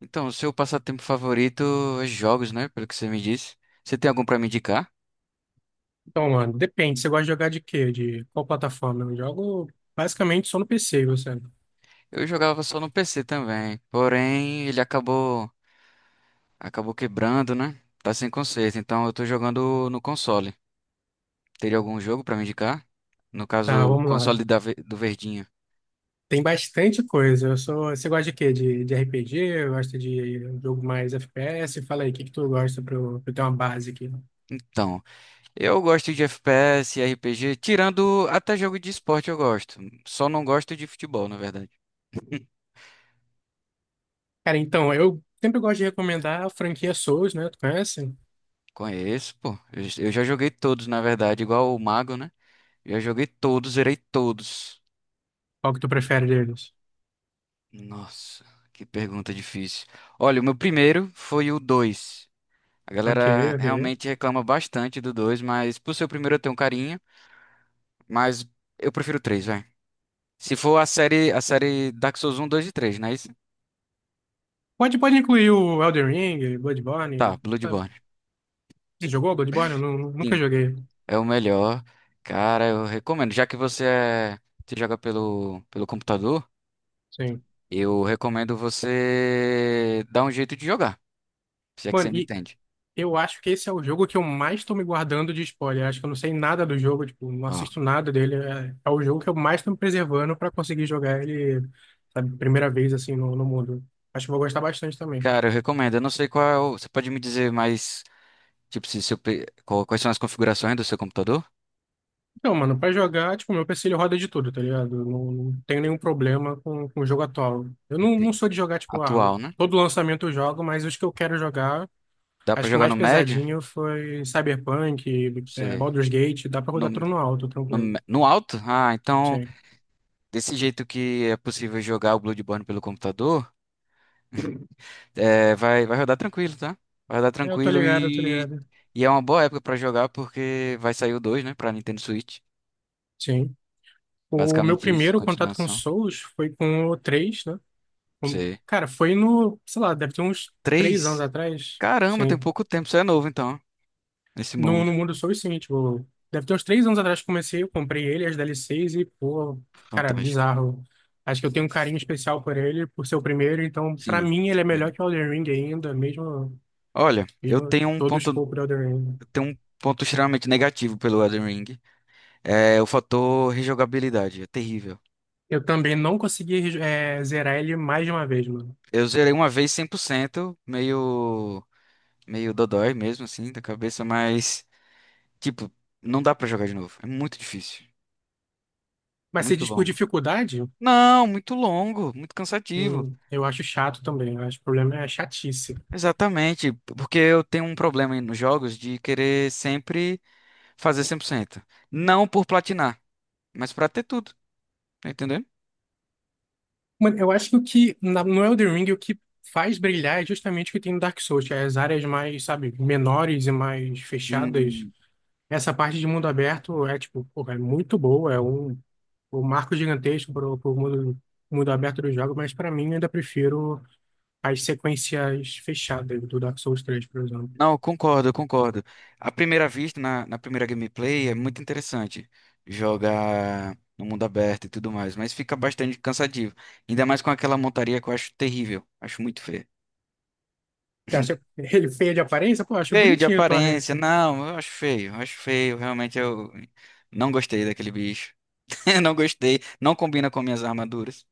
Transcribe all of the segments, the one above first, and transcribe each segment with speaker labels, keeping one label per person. Speaker 1: Então, o seu passatempo favorito é jogos, né? Pelo que você me disse. Você tem algum pra me indicar?
Speaker 2: Então, mano, depende. Você gosta de jogar de quê? De qual plataforma? Eu jogo basicamente só no PC, você.
Speaker 1: Eu jogava só no PC também, porém ele acabou quebrando, né? Tá sem conserto, então eu tô jogando no console. Teria algum jogo pra me indicar? No
Speaker 2: Tá,
Speaker 1: caso, o
Speaker 2: vamos lá.
Speaker 1: console do Verdinho.
Speaker 2: Tem bastante coisa. Eu sou... Você gosta de quê? De RPG? Gosta de jogo mais FPS? Fala aí, o que que tu gosta pra eu ter uma base aqui?
Speaker 1: Então, eu gosto de FPS, RPG, tirando até jogo de esporte eu gosto. Só não gosto de futebol, na verdade.
Speaker 2: Cara, então, eu sempre gosto de recomendar a franquia Souls, né? Tu conhece?
Speaker 1: Conheço, pô. Eu já joguei todos, na verdade, igual o Mago, né? Já joguei todos, zerei todos.
Speaker 2: Qual que tu prefere deles?
Speaker 1: Nossa, que pergunta difícil. Olha, o meu primeiro foi o 2. A
Speaker 2: Ok,
Speaker 1: galera
Speaker 2: ok.
Speaker 1: realmente reclama bastante do 2, mas por ser o primeiro eu tenho um carinho, mas eu prefiro o 3, vai. Se for a série Dark Souls 1, 2 e 3, não é isso?
Speaker 2: Pode incluir o Elden Ring,
Speaker 1: Tá,
Speaker 2: Bloodborne, sabe?
Speaker 1: Bloodborne.
Speaker 2: Você jogou Bloodborne? Eu
Speaker 1: Sim,
Speaker 2: nunca joguei.
Speaker 1: é o melhor. Cara, eu recomendo. Já que você é, você joga pelo computador,
Speaker 2: Sim.
Speaker 1: eu recomendo você dar um jeito de jogar, se é que você
Speaker 2: Mano,
Speaker 1: me
Speaker 2: e
Speaker 1: entende.
Speaker 2: Eu acho que esse é o jogo que eu mais estou me guardando de spoiler. Acho que eu não sei nada do jogo, tipo, não
Speaker 1: Ó,
Speaker 2: assisto nada dele. É, é o jogo que eu mais estou me preservando para conseguir jogar ele, sabe, primeira vez assim no mundo. Acho que eu vou gostar bastante também.
Speaker 1: cara, eu recomendo. Eu não sei qual é o- Você pode me dizer mais. Tipo, se eu pe- qual- quais são as configurações do seu computador?
Speaker 2: Então, mano, para jogar, tipo, meu PC ele roda de tudo, tá ligado? Eu não tenho nenhum problema com o jogo atual. Eu não
Speaker 1: Entendi.
Speaker 2: sou de jogar, tipo,
Speaker 1: Atual, né?
Speaker 2: todo lançamento eu jogo, mas os que eu quero jogar,
Speaker 1: Dá pra
Speaker 2: acho que o
Speaker 1: jogar
Speaker 2: mais
Speaker 1: no médio?
Speaker 2: pesadinho foi Cyberpunk,
Speaker 1: Você...
Speaker 2: Baldur's Gate, dá pra
Speaker 1: No,
Speaker 2: rodar tudo no alto,
Speaker 1: no,
Speaker 2: tranquilo.
Speaker 1: me- no alto? Ah, então,
Speaker 2: Sim.
Speaker 1: desse jeito que é possível jogar o Bloodborne pelo computador, é, vai, vai rodar tranquilo, tá? Vai rodar
Speaker 2: Eu tô
Speaker 1: tranquilo
Speaker 2: ligado, eu tô ligado.
Speaker 1: e é uma boa época pra jogar porque vai sair o 2, né? Pra Nintendo Switch.
Speaker 2: Sim. O meu
Speaker 1: Basicamente isso, a
Speaker 2: primeiro contato com
Speaker 1: continuação.
Speaker 2: Souls foi com o três, né?
Speaker 1: Você...
Speaker 2: Cara, foi no, sei lá, deve ter uns 3 anos
Speaker 1: 3.
Speaker 2: atrás.
Speaker 1: Caramba, tem
Speaker 2: Sim.
Speaker 1: pouco tempo. Você é novo, então, nesse
Speaker 2: No
Speaker 1: mundo
Speaker 2: mundo Souls, sim, tipo, deve ter uns 3 anos atrás que comecei, eu comprei ele, as DLCs e, pô, cara,
Speaker 1: fantástico.
Speaker 2: bizarro. Acho que eu tenho um carinho especial por ele, por ser o primeiro, então, pra
Speaker 1: Sim.
Speaker 2: mim, ele é melhor que o Elden Ring ainda,
Speaker 1: Olha, eu
Speaker 2: mesmo todo o escopo do Elden Ring.
Speaker 1: tenho um ponto extremamente negativo pelo Elden Ring. É o fator rejogabilidade, é terrível.
Speaker 2: Eu também não consegui, zerar ele mais de uma vez, mano.
Speaker 1: Eu zerei uma vez 100%, meio dodói mesmo assim da cabeça, mas tipo, não dá pra jogar de novo. É muito difícil,
Speaker 2: Mas se
Speaker 1: muito
Speaker 2: diz por
Speaker 1: longo.
Speaker 2: dificuldade?
Speaker 1: Não, muito longo, muito cansativo.
Speaker 2: Eu acho chato também. Eu acho que o problema é a chatice.
Speaker 1: Exatamente, porque eu tenho um problema nos jogos de querer sempre fazer 100%. Não por platinar, mas pra ter tudo, tá entendendo?
Speaker 2: Mano, eu acho que o que no Elden Ring o que faz brilhar é justamente o que tem no Dark Souls, que é as áreas mais, sabe, menores e mais fechadas. Essa parte de mundo aberto é tipo, porra, é muito boa, é um marco gigantesco para o mundo aberto do jogo, mas para mim eu ainda prefiro as sequências fechadas do Dark Souls 3, por exemplo.
Speaker 1: Não, concordo, eu concordo. À primeira vista, na primeira gameplay, é muito interessante jogar no mundo aberto e tudo mais, mas fica bastante cansativo. Ainda mais com aquela montaria que eu acho terrível, acho muito feio.
Speaker 2: Você acha ele feio de aparência? Pô, eu acho
Speaker 1: Feio de
Speaker 2: bonitinho o Torrent.
Speaker 1: aparência, não, eu acho feio, realmente eu não gostei daquele bicho. Eu não gostei, não combina com minhas armaduras.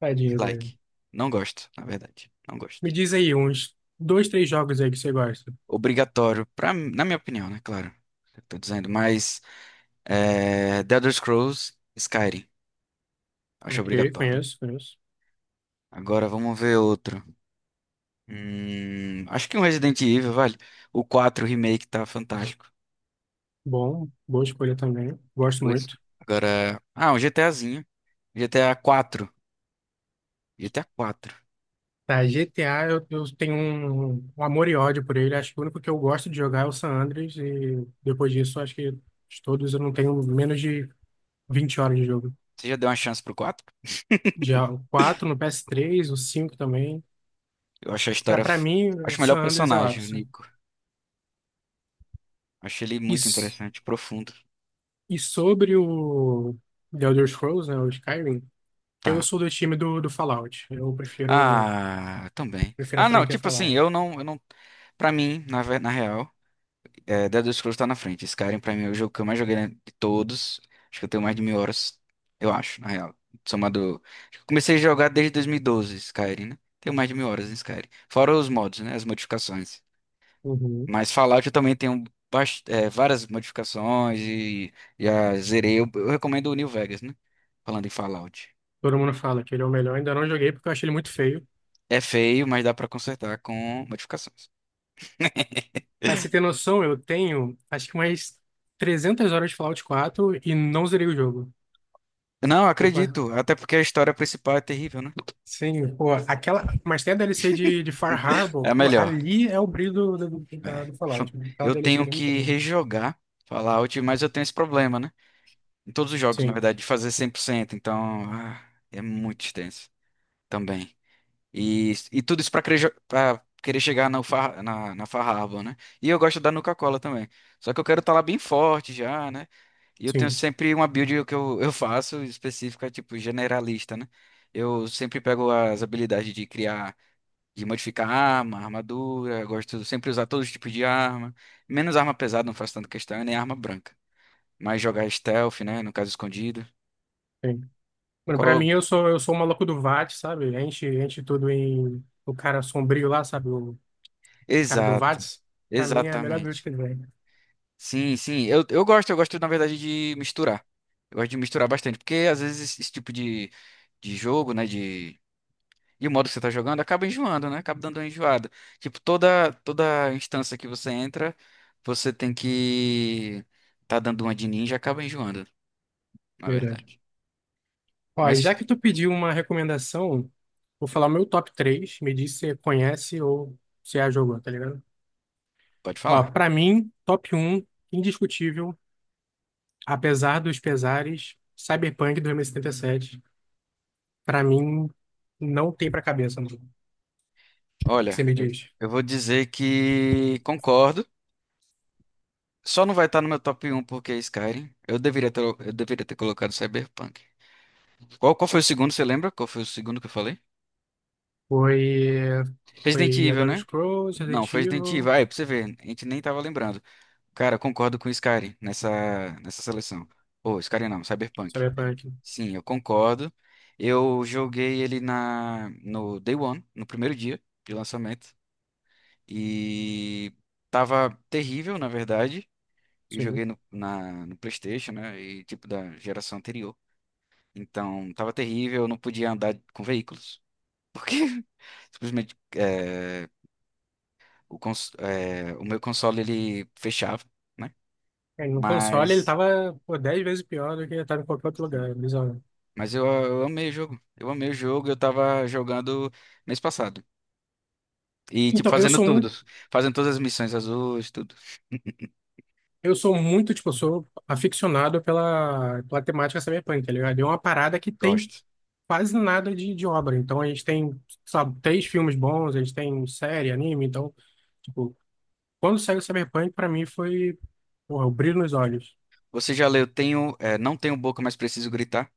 Speaker 2: Tadinho dele.
Speaker 1: Like, não gosto, na verdade, não
Speaker 2: Me
Speaker 1: gosto.
Speaker 2: diz aí, uns dois, três jogos aí que você gosta.
Speaker 1: Obrigatório, pra, na minha opinião, né, claro. Eu tô dizendo, mas. É, The Elder Scrolls, Skyrim. Acho
Speaker 2: Ok,
Speaker 1: obrigatório.
Speaker 2: conheço, conheço.
Speaker 1: Agora vamos ver outro. Acho que um Resident Evil, vale. O 4 Remake tá fantástico.
Speaker 2: Bom, boa escolha também. Gosto
Speaker 1: Pois.
Speaker 2: muito.
Speaker 1: Agora. Ah, um GTAzinho. GTA 4. GTA quatro. G T A quatro.
Speaker 2: Tá, GTA, eu tenho um amor e ódio por ele. Acho que o único que eu gosto de jogar é o San Andreas. E depois disso, acho que de todos eu não tenho menos de 20 horas de jogo.
Speaker 1: Você já deu uma chance pro quatro?
Speaker 2: Já o 4 no PS3, o 5 também.
Speaker 1: Eu acho a
Speaker 2: Cara,
Speaker 1: história.
Speaker 2: pra
Speaker 1: F-
Speaker 2: mim, o
Speaker 1: Acho o melhor
Speaker 2: San Andreas é o
Speaker 1: personagem, o
Speaker 2: ápice.
Speaker 1: Nico. Acho ele muito
Speaker 2: Isso.
Speaker 1: interessante, profundo.
Speaker 2: E sobre o The Elder Scrolls, né, o Skyrim, eu
Speaker 1: Tá.
Speaker 2: sou do time do Fallout. Eu prefiro.
Speaker 1: Ah, também.
Speaker 2: Prefiro a
Speaker 1: Ah, não,
Speaker 2: franquia
Speaker 1: tipo assim,
Speaker 2: Fallout.
Speaker 1: eu não, pra mim, na, ve- na real. É, Elder Scrolls tá na frente. Skyrim, pra mim, é o jogo que eu mais joguei, né, de todos. Acho que eu tenho mais de mil horas, eu acho, na real. Somado. Acho que eu comecei a jogar desde 2012, Skyrim, né? Tenho mais de mil horas em Skyrim. Fora os mods, né? As modificações.
Speaker 2: Uhum.
Speaker 1: Mas Fallout eu também tenho bast- é, várias modificações e já zerei. Eu recomendo o New Vegas, né? Falando em Fallout.
Speaker 2: Todo mundo fala que ele é o melhor. Ainda não joguei porque eu achei ele muito feio.
Speaker 1: É feio, mas dá pra consertar com modificações.
Speaker 2: Pra você ter noção, eu tenho acho que umas 300 horas de Fallout 4 e não zerei o jogo.
Speaker 1: Não,
Speaker 2: Eu pa-
Speaker 1: acredito. Até porque a história principal é terrível, né?
Speaker 2: Sim, pô, aquela. Mas tem a DLC de Far
Speaker 1: É
Speaker 2: Harbor,
Speaker 1: a
Speaker 2: pô,
Speaker 1: melhor.
Speaker 2: ali é o brilho do, do,
Speaker 1: É.
Speaker 2: da- do Fallout, né? Aquela
Speaker 1: Eu
Speaker 2: DLC
Speaker 1: tenho
Speaker 2: ali é muito
Speaker 1: que
Speaker 2: boa.
Speaker 1: rejogar Fallout, mas eu tenho esse problema, né? Em todos os jogos, na
Speaker 2: Sim,
Speaker 1: verdade, de fazer 100% então ah, é muito extenso também. E tudo isso pra querer, jo- pra querer chegar no far- na Farhabla, né? E eu gosto da Nuka-Cola também. Só que eu quero estar lá bem forte já, né? E eu tenho
Speaker 2: sim,
Speaker 1: sempre uma build que eu faço específica, tipo, generalista, né? Eu sempre pego as habilidades de criar de modificar arma, armadura, gosto de sempre usar todos os tipos de arma, menos arma pesada, não faço tanta questão, e nem arma branca, mas jogar stealth, né, no caso escondido.
Speaker 2: sim. Mano, pra
Speaker 1: Qual?
Speaker 2: mim, eu sou o maluco do VATS, sabe? Enche, enche tudo em. O cara sombrio lá, sabe? O cara do
Speaker 1: Exato.
Speaker 2: VATS. Pra mim é a melhor build
Speaker 1: Exatamente.
Speaker 2: que ele vem.
Speaker 1: Sim, sim, eu gosto, eu gosto na verdade de misturar. Eu gosto de misturar bastante, porque às vezes esse tipo de jogo, né, de e o modo que você tá jogando acaba enjoando, né? Acaba dando uma enjoada. Tipo, toda instância que você entra, você tem que tá dando uma de ninja, acaba enjoando. Na
Speaker 2: Verdade.
Speaker 1: verdade.
Speaker 2: Ó, e
Speaker 1: Mas
Speaker 2: já que tu pediu uma recomendação, vou falar o meu top três. Me diz se você conhece ou se já jogou, tá ligado?
Speaker 1: pode
Speaker 2: Ó,
Speaker 1: falar.
Speaker 2: pra mim, top um indiscutível, apesar dos pesares, Cyberpunk dois mil e setenta e sete pra mim, não tem pra cabeça, mano. O que você
Speaker 1: Olha,
Speaker 2: me diz?
Speaker 1: eu vou dizer que concordo. Só não vai estar no meu top um porque é Skyrim. Eu deveria ter colocado Cyberpunk. Qual foi o segundo, você lembra? Qual foi o segundo que eu falei?
Speaker 2: Foi,
Speaker 1: Resident
Speaker 2: foi
Speaker 1: Evil,
Speaker 2: Elder
Speaker 1: né?
Speaker 2: Scrolls,
Speaker 1: Não,
Speaker 2: Resident
Speaker 1: foi Resident Evil.
Speaker 2: Evil,
Speaker 1: Aí é pra você ver, a gente nem tava lembrando. Cara, eu concordo com o Skyrim nessa seleção. Ô, Skyrim não, Cyberpunk.
Speaker 2: Cyberpunk,
Speaker 1: Sim, eu concordo. Eu joguei ele na, no Day One, no primeiro dia de lançamento. E tava terrível, na verdade. Eu
Speaker 2: sim.
Speaker 1: joguei no, na, no PlayStation, né? E tipo da geração anterior. Então tava terrível, eu não podia andar com veículos. Porque simplesmente é, o, cons- é, o meu console ele fechava, né?
Speaker 2: É, no console ele
Speaker 1: Mas,
Speaker 2: tava, pô, 10 vezes pior do que ele tava em qualquer outro lugar,
Speaker 1: sim.
Speaker 2: é bizarro.
Speaker 1: Mas eu amei o jogo. Eu amei o jogo, eu tava jogando mês passado. E tipo,
Speaker 2: Então, eu
Speaker 1: fazendo
Speaker 2: sou
Speaker 1: tudo.
Speaker 2: muito
Speaker 1: Fazendo todas as missões azuis, tudo.
Speaker 2: Eu sou muito, tipo, eu sou aficionado pela temática cyberpunk, tá ligado? E é uma parada que tem
Speaker 1: Gosto.
Speaker 2: quase nada de obra. Então a gente tem, sabe, três filmes bons, a gente tem série, anime. Então, tipo, quando saiu o cyberpunk, pra mim foi, porra, o brilho nos olhos.
Speaker 1: Você já leu? Tenho, é, não tenho boca, mas preciso gritar.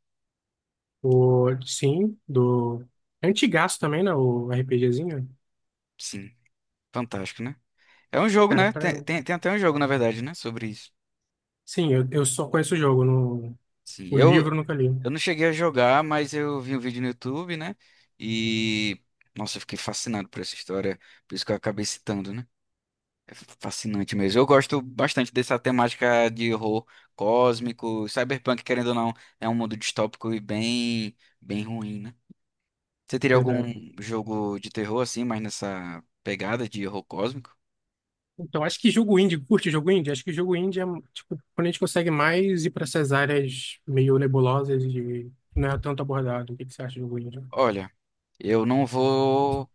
Speaker 2: O, sim, do antigaço também, né? O RPGzinho.
Speaker 1: Sim, fantástico, né? É um jogo,
Speaker 2: Cara,
Speaker 1: né?
Speaker 2: pra
Speaker 1: Tem,
Speaker 2: mim.
Speaker 1: tem, tem até um jogo, na verdade, né? Sobre isso.
Speaker 2: Sim, eu só conheço o jogo,
Speaker 1: Sim,
Speaker 2: o
Speaker 1: eu,
Speaker 2: livro eu nunca li.
Speaker 1: eu não cheguei a jogar, mas eu vi um vídeo no YouTube, né? E, nossa, eu fiquei fascinado por essa história, por isso que eu acabei citando, né? É fascinante mesmo. Eu gosto bastante dessa temática de horror cósmico, cyberpunk, querendo ou não, é um mundo distópico e bem ruim, né? Você teria algum
Speaker 2: Verdade.
Speaker 1: jogo de terror assim, mas nessa pegada de horror cósmico?
Speaker 2: Então, acho que jogo indie, curte jogo indie? Acho que jogo indie é, tipo, quando a gente consegue mais ir para essas áreas meio nebulosas e não é tanto abordado. O que que você acha de jogo indie?
Speaker 1: Olha, eu não vou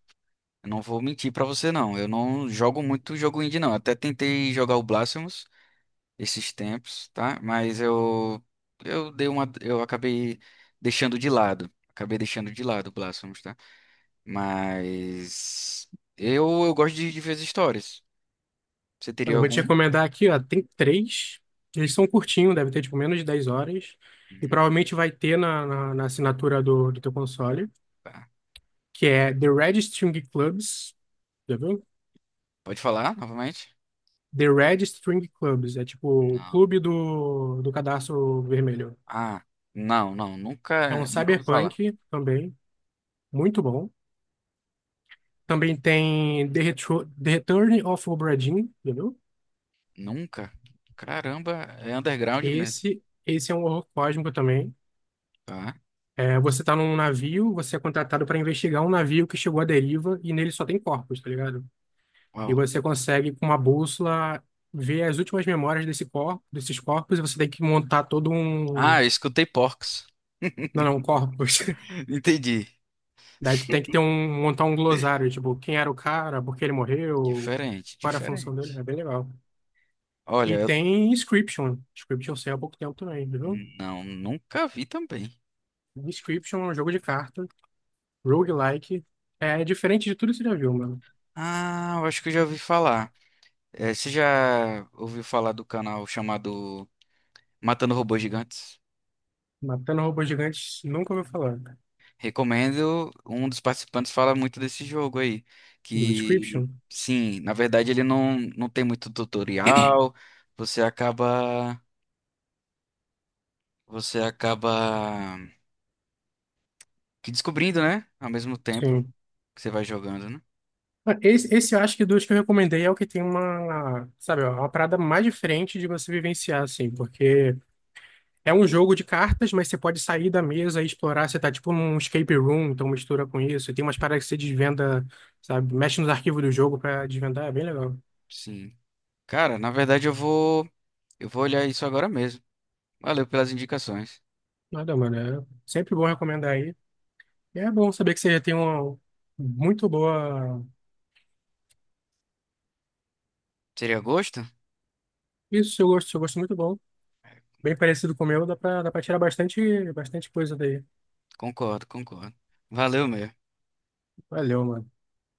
Speaker 1: Eu não vou mentir pra você, não. Eu não jogo muito jogo indie, não. Até tentei jogar o Blasphemous esses tempos, tá? Mas eu dei uma eu acabei deixando de lado. Acabei deixando de lado o Blasphemous, tá? Mas eu gosto de ver as histórias. Você
Speaker 2: Mano,
Speaker 1: teria
Speaker 2: eu vou te
Speaker 1: algum?
Speaker 2: recomendar aqui, ó, tem três. Eles são curtinhos, deve ter, tipo, menos de 10 horas. E
Speaker 1: Uhum.
Speaker 2: provavelmente vai ter na assinatura do teu console,
Speaker 1: Tá.
Speaker 2: que é The Red String Clubs, já viu?
Speaker 1: Pode falar novamente?
Speaker 2: The Red String Clubs, é tipo o
Speaker 1: Não.
Speaker 2: clube do cadastro vermelho.
Speaker 1: Ah, não, não.
Speaker 2: É um
Speaker 1: Nunca ouvi falar.
Speaker 2: cyberpunk também, muito bom. Também tem The Return of Obra Dinn, entendeu?
Speaker 1: Nunca? Caramba, é underground mesmo.
Speaker 2: Esse é um horror cósmico também.
Speaker 1: Tá.
Speaker 2: É, você tá num navio, você é contratado para investigar um navio que chegou à deriva e nele só tem corpos, tá ligado? E
Speaker 1: Uau.
Speaker 2: você consegue, com uma bússola, ver as últimas memórias desse corpo, desses corpos e você tem que montar todo
Speaker 1: Ah,
Speaker 2: um...
Speaker 1: eu escutei Porcs.
Speaker 2: Não, não, corpos.
Speaker 1: Entendi.
Speaker 2: Daí tu tem que montar um glossário, tipo, quem era o cara, por que ele morreu,
Speaker 1: Diferente,
Speaker 2: qual era a função dele.
Speaker 1: diferente.
Speaker 2: É bem legal.
Speaker 1: Olha,
Speaker 2: E
Speaker 1: eu
Speaker 2: tem Inscription. Inscription saiu há pouco tempo também, viu?
Speaker 1: não, nunca vi também.
Speaker 2: Description é um jogo de carta, roguelike. É diferente de tudo que você já viu, mano.
Speaker 1: Ah, eu acho que eu já ouvi falar. Eh, você já ouviu falar do canal chamado Matando Robôs Gigantes?
Speaker 2: Matando robôs gigantes, nunca ouviu falar.
Speaker 1: Recomendo. Um dos participantes fala muito desse jogo aí.
Speaker 2: Do
Speaker 1: Que,
Speaker 2: Description.
Speaker 1: sim, na verdade ele não, não tem muito tutorial. Você acaba. Você acaba que descobrindo, né? Ao mesmo tempo
Speaker 2: Sim.
Speaker 1: que você vai jogando, né?
Speaker 2: Ah, esse eu acho que dos que eu recomendei é o que tem uma, sabe, ó, uma parada mais diferente de você vivenciar, assim, porque é um jogo de cartas, mas você pode sair da mesa e explorar. Você tá tipo num escape room, então mistura com isso. E tem umas paradas que você desvenda, sabe, mexe nos arquivos do jogo pra desvendar. É bem legal.
Speaker 1: Sim. Cara, na verdade eu vou olhar isso agora mesmo. Valeu pelas indicações.
Speaker 2: Nada, mano. É sempre bom recomendar. É bom saber que você tem uma muito boa.
Speaker 1: Seria gosto?
Speaker 2: Isso, seu gosto é muito bom. Bem parecido com o meu, dá pra tirar bastante, bastante coisa daí.
Speaker 1: Concordo, concordo. Valeu mesmo.
Speaker 2: Valeu, mano.